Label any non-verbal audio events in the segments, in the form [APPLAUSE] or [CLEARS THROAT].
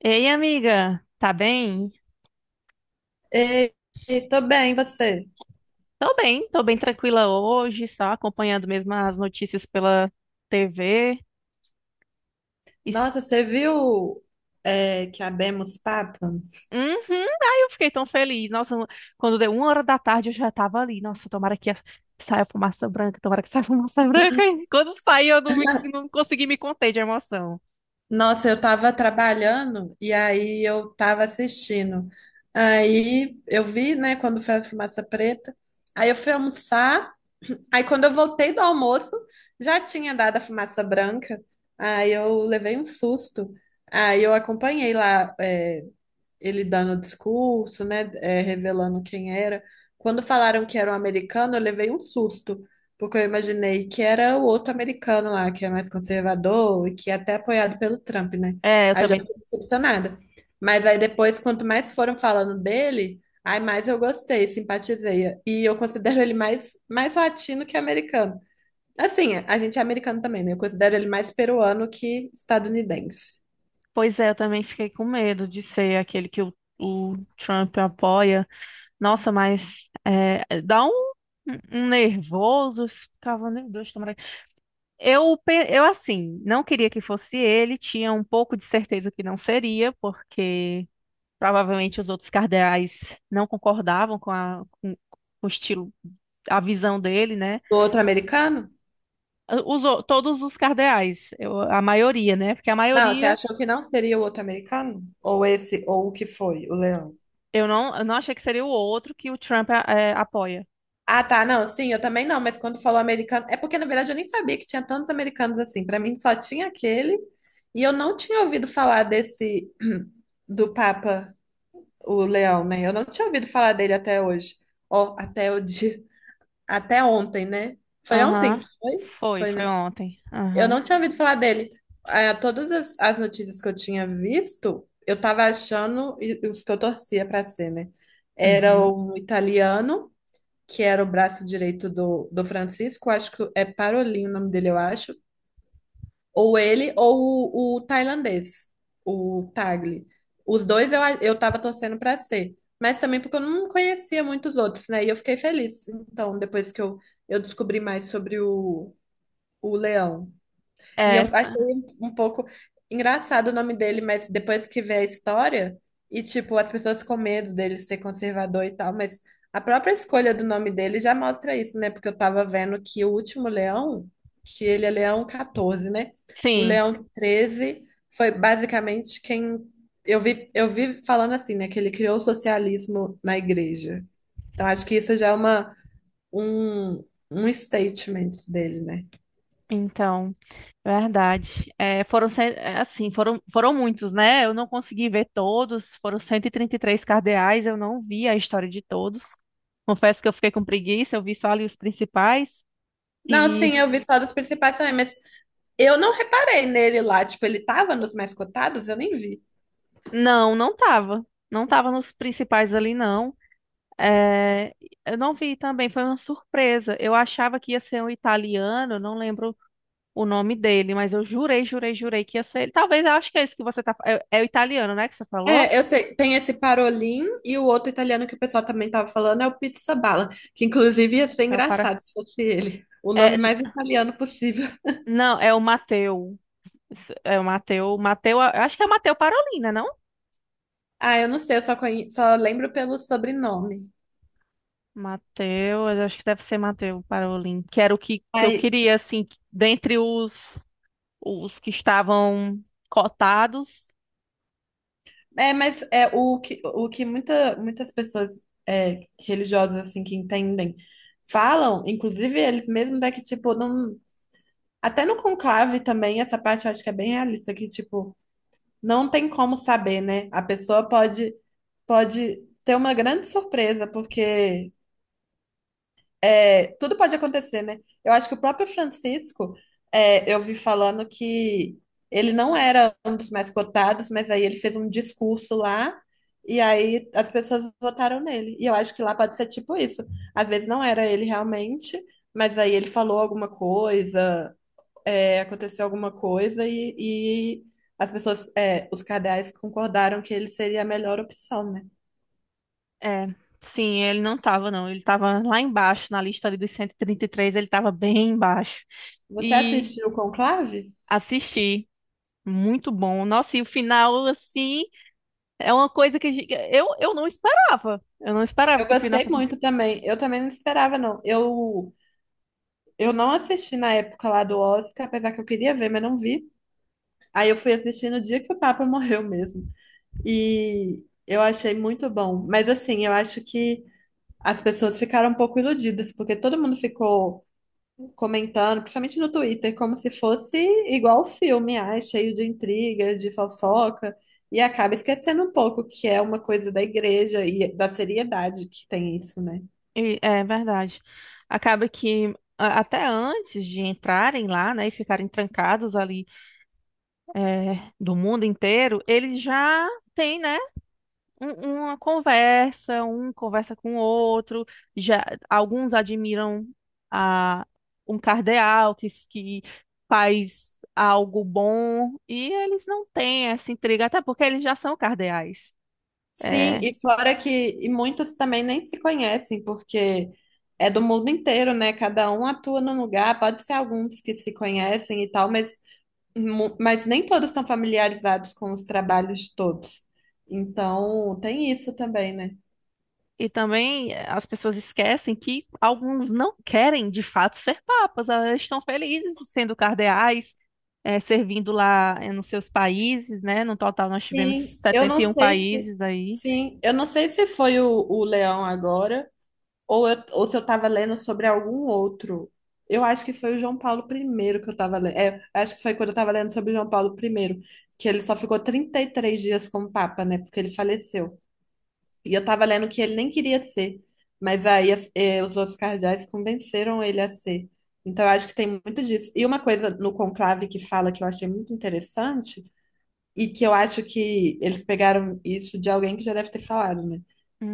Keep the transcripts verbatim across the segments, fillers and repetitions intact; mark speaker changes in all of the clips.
Speaker 1: Ei, amiga, tá bem?
Speaker 2: Ei, tô bem, e você?
Speaker 1: Tô bem, tô bem tranquila hoje, só acompanhando mesmo as notícias pela tê vê. Es-
Speaker 2: Nossa, você viu é, que abemos papo?
Speaker 1: Uhum, aí eu fiquei tão feliz. Nossa, quando deu uma hora da tarde eu já tava ali. Nossa, tomara que saia fumaça branca, tomara que saia [LAUGHS] fumaça branca. E quando saiu eu não, me- não consegui me conter de emoção.
Speaker 2: Nossa, eu tava trabalhando e aí eu tava assistindo. Aí eu vi, né, quando foi a fumaça preta. Aí eu fui almoçar. Aí quando eu voltei do almoço, já tinha dado a fumaça branca. Aí eu levei um susto. Aí eu acompanhei lá. é, ele dando o discurso, né, é, revelando quem era. Quando falaram que era um americano, eu levei um susto, porque eu imaginei que era o outro americano lá, que é mais conservador e que é até apoiado pelo Trump, né?
Speaker 1: É, eu
Speaker 2: Aí já
Speaker 1: também.
Speaker 2: fiquei decepcionada. Mas aí depois, quanto mais foram falando dele, aí mais eu gostei, simpatizei. E eu considero ele mais, mais latino que americano. Assim, a gente é americano também, né? Eu considero ele mais peruano que estadunidense.
Speaker 1: Pois é, eu também fiquei com medo de ser aquele que o, o Trump apoia. Nossa, mas é, é, dá um, um um nervoso, ficava, meu Deus, tomara. que-" Eu, pe- eu, assim, não queria que fosse ele, tinha um pouco de certeza que não seria, porque provavelmente os outros cardeais não concordavam com, a, com, com o estilo, a visão dele, né?
Speaker 2: O outro americano?
Speaker 1: Os, o- todos os cardeais, eu- a maioria, né? Porque a
Speaker 2: Não, você
Speaker 1: maioria,
Speaker 2: achou que não seria o outro americano? Ou esse, ou o que foi, o Leão?
Speaker 1: eu não, eu não achei que seria o outro que o Trump é, apoia.
Speaker 2: Ah, tá, não, sim, eu também não, mas quando falou americano, é porque na verdade eu nem sabia que tinha tantos americanos assim. Pra mim só tinha aquele, e eu não tinha ouvido falar desse [CLEARS THROAT] do Papa, o Leão, né? Eu não tinha ouvido falar dele até hoje. Ó, até o dia, até ontem, né? Foi ontem
Speaker 1: Aham,
Speaker 2: que foi?
Speaker 1: Foi,
Speaker 2: Foi,
Speaker 1: foi
Speaker 2: né?
Speaker 1: ontem.
Speaker 2: Eu
Speaker 1: Aham,
Speaker 2: não tinha ouvido falar dele. É, todas as, as notícias que eu tinha visto, eu tava achando, e os que eu torcia para ser, né? Era
Speaker 1: uhum.
Speaker 2: um italiano, que era o braço direito do, do Francisco, acho que é Parolin o nome dele, eu acho. Ou ele, ou o, o tailandês, o Tagli. Os dois eu, eu tava torcendo para ser. Mas também porque eu não conhecia muitos outros, né? E eu fiquei feliz. Então, depois que eu, eu descobri mais sobre o, o Leão. E eu
Speaker 1: É.
Speaker 2: achei um pouco engraçado o nome dele, mas depois que vê a história, e tipo, as pessoas com medo dele ser conservador e tal, mas a própria escolha do nome dele já mostra isso, né? Porque eu tava vendo que o último Leão, que ele é Leão quatorze, né? O
Speaker 1: Sim,
Speaker 2: Leão treze foi basicamente quem eu vi, eu vi falando assim, né? Que ele criou o socialismo na igreja. Então acho que isso já é uma, um, um statement dele, né?
Speaker 1: então, verdade. É, foram, cen- é, assim, foram, foram muitos, né? Eu não consegui ver todos, foram cento e e trinta e três cardeais, eu não vi a história de todos. Confesso que eu fiquei com preguiça, eu vi só ali os principais.
Speaker 2: Não,
Speaker 1: E
Speaker 2: sim, eu vi só dos principais também, mas eu não reparei nele lá, tipo, ele tava nos mais cotados, eu nem vi.
Speaker 1: não, não tava. Não tava nos principais ali, não. É, eu não vi também, foi uma surpresa. Eu achava que ia ser um italiano, eu não lembro o nome dele, mas eu jurei, jurei, jurei que ia ser ele. Talvez, eu acho que é esse que você tá. É, é o italiano, né, que você falou?
Speaker 2: É, eu sei, tem esse Parolin e o outro italiano que o pessoal também tava falando é o Pizza Bala, que inclusive ia ser
Speaker 1: É o para...
Speaker 2: engraçado se fosse ele. O
Speaker 1: é,
Speaker 2: nome
Speaker 1: n-
Speaker 2: mais italiano possível. [LAUGHS]
Speaker 1: Não, é o Mateu. É o Mateu. Mateu, eu acho que é o Mateu Parolina, não?
Speaker 2: Ah, eu não sei, eu só, conhe... só lembro pelo sobrenome.
Speaker 1: Mateu, eu acho que deve ser Mateu Parolin, que era o que, que eu
Speaker 2: Aí,
Speaker 1: queria, assim, que- dentre os, os que estavam cotados.
Speaker 2: é, mas é o que, o que muita, muitas pessoas é, religiosas, assim, que entendem, falam, inclusive eles mesmos, é que, tipo, não... Até no conclave também, essa parte eu acho que é bem realista, que, tipo, não tem como saber, né? A pessoa pode, pode ter uma grande surpresa, porque é, tudo pode acontecer, né? Eu acho que o próprio Francisco, é, eu vi falando que ele não era um dos mais cotados, mas aí ele fez um discurso lá e aí as pessoas votaram nele. E eu acho que lá pode ser tipo isso. Às vezes não era ele realmente, mas aí ele falou alguma coisa, é, aconteceu alguma coisa e, e as pessoas, é, os cardeais concordaram que ele seria a melhor opção, né?
Speaker 1: É, sim, ele não estava, não. Ele estava lá embaixo, na lista ali dos cento e e trinta e três, ele estava bem embaixo.
Speaker 2: Você
Speaker 1: E
Speaker 2: assistiu o Conclave?
Speaker 1: assisti, muito bom. Nossa, e o final, assim, é uma coisa que a gente- eu, eu não esperava. Eu não esperava
Speaker 2: Eu
Speaker 1: que o final
Speaker 2: gostei muito também. Eu também não esperava, não. Eu, eu não assisti na época lá do Oscar, apesar que eu queria ver, mas não vi. Aí eu fui assistir no dia que o Papa morreu mesmo. E eu achei muito bom. Mas assim, eu acho que as pessoas ficaram um pouco iludidas, porque todo mundo ficou comentando, principalmente no Twitter, como se fosse igual o filme, ai, cheio de intriga, de fofoca, e acaba esquecendo um pouco que é uma coisa da igreja e da seriedade que tem isso, né?
Speaker 1: E- É verdade. Acaba que a- até antes de entrarem lá, né, e ficarem trancados ali é, do mundo inteiro, eles já têm, né, um- uma conversa, um conversa com o outro. Já alguns admiram a um cardeal que, s- que faz algo bom e eles não têm essa intriga, até porque eles já são cardeais.
Speaker 2: Sim,
Speaker 1: É,
Speaker 2: e fora que e muitos também nem se conhecem, porque é do mundo inteiro, né? Cada um atua num lugar, pode ser alguns que se conhecem e tal, mas, mu- mas nem todos estão familiarizados com os trabalhos de todos. Então, tem isso também, né?
Speaker 1: e também eh, as pessoas esquecem que alguns não querem de fato ser papas, elas estão felizes sendo cardeais, eh, servindo lá eh, nos seus países, né? No total nós tivemos
Speaker 2: Sim, eu
Speaker 1: setenta
Speaker 2: não
Speaker 1: e um
Speaker 2: sei se.
Speaker 1: países aí.
Speaker 2: Sim, eu não sei se foi o, o Leão agora, ou, eu- ou se eu estava lendo sobre algum outro. Eu acho que foi o João Paulo primeiro que eu estava lendo. É, acho que foi quando eu estava lendo sobre o João Paulo primeiro que ele só ficou trinta e três dias como Papa, né? Porque ele faleceu. E eu estava lendo que ele nem queria ser, mas aí as- eh, os outros cardeais convenceram ele a ser. Então, eu acho que tem muito disso. E uma coisa no conclave que fala que eu achei muito interessante e que eu acho que eles pegaram isso de alguém que já deve ter falado, né?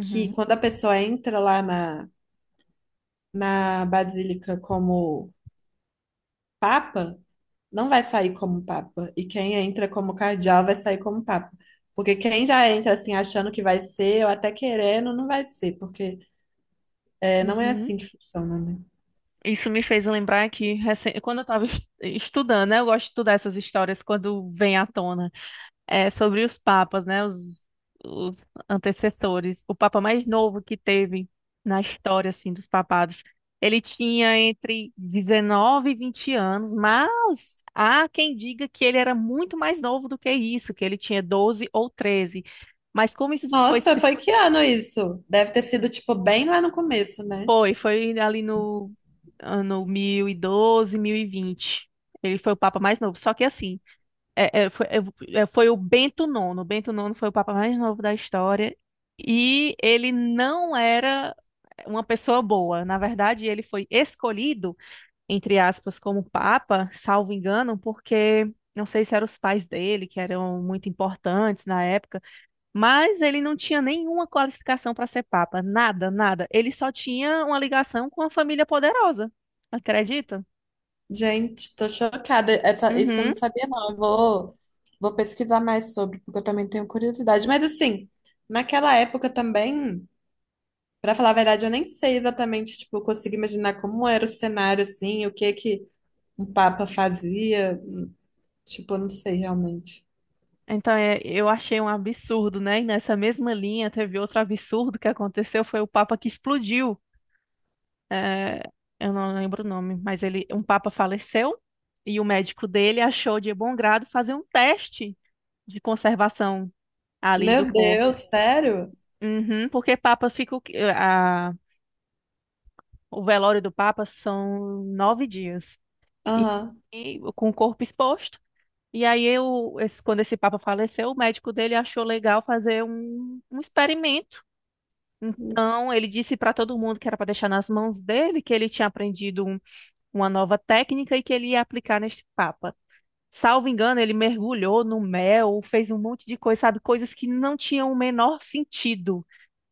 Speaker 2: Que quando a pessoa entra lá na, na Basílica como Papa, não vai sair como Papa. E quem entra como cardeal vai sair como Papa. Porque quem já entra assim achando que vai ser, ou até querendo, não vai ser, porque é, não é
Speaker 1: uhum.
Speaker 2: assim que funciona, né?
Speaker 1: Isso me fez lembrar que recen- quando eu estava estudando, né? Eu gosto de estudar essas histórias quando vem à tona. É, sobre os papas, né? Os, os antecessores. O papa mais novo que teve na história, assim, dos papados. Ele tinha entre dezenove e vinte anos, mas há quem diga que ele era muito mais novo do que isso, que ele tinha doze ou treze. Mas como isso foi,
Speaker 2: Nossa,
Speaker 1: se
Speaker 2: foi que ano isso? Deve ter sido, tipo, bem lá no começo, né?
Speaker 1: foi, foi ali no ano mil e doze, mil e vinte. Ele foi o papa mais novo. Só que assim, É, é, foi, é, é, foi o Bento Nono. O Bento Nono foi o papa mais novo da história. E ele não era uma pessoa boa. Na verdade, ele foi escolhido, entre aspas, como papa, salvo engano, porque não sei se eram os pais dele, que eram muito importantes na época, mas ele não tinha nenhuma qualificação para ser papa. Nada, nada. Ele só tinha uma ligação com a família poderosa. Acredita?
Speaker 2: Gente, tô chocada. Essa, isso eu
Speaker 1: Uhum.
Speaker 2: não sabia, não. Eu vou, vou pesquisar mais sobre, porque eu também tenho curiosidade. Mas assim, naquela época também, pra falar a verdade, eu nem sei exatamente, tipo, eu consigo imaginar como era o cenário, assim, o que que um papa fazia. Tipo, eu não sei realmente.
Speaker 1: Então, é, eu achei um absurdo, né? E nessa mesma linha teve outro absurdo que aconteceu, foi o Papa que explodiu. É, eu não lembro o nome, mas ele, um Papa faleceu e o médico dele achou de bom grado fazer um teste de conservação ali do
Speaker 2: Meu
Speaker 1: corpo.
Speaker 2: Deus, sério?
Speaker 1: Uhum, porque Papa fica, o que- a- o velório do Papa são nove dias e,
Speaker 2: Aham.
Speaker 1: e com o corpo exposto. E aí, eu, esse- quando esse Papa faleceu, o médico dele achou legal fazer um um experimento. Então, ele disse para todo mundo que era para deixar nas mãos dele, que ele tinha aprendido um- uma nova técnica e que ele ia aplicar neste papa. Salvo engano, ele mergulhou no mel, fez um monte de coisa, sabe, coisas que não tinham o menor sentido.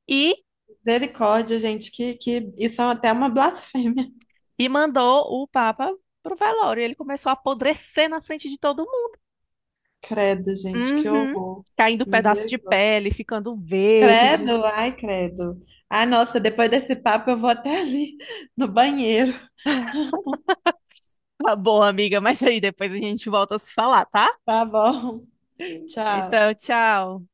Speaker 1: E,
Speaker 2: Misericórdia, gente, que, que isso é até uma blasfêmia. [LAUGHS]
Speaker 1: e mandou o papa pro velório. Ele começou a apodrecer na frente de todo mundo.
Speaker 2: Credo, gente, que
Speaker 1: Uhum.
Speaker 2: horror.
Speaker 1: Caindo pedaço de
Speaker 2: Misericórdia.
Speaker 1: pele, ficando verde.
Speaker 2: Credo, ai, credo. Ah, nossa, depois desse papo eu vou até [LAUGHS] ali no banheiro. [LAUGHS]
Speaker 1: Tá bom, amiga, mas aí depois a gente volta a se falar, tá?
Speaker 2: Tá bom, tchau.
Speaker 1: Então, tchau.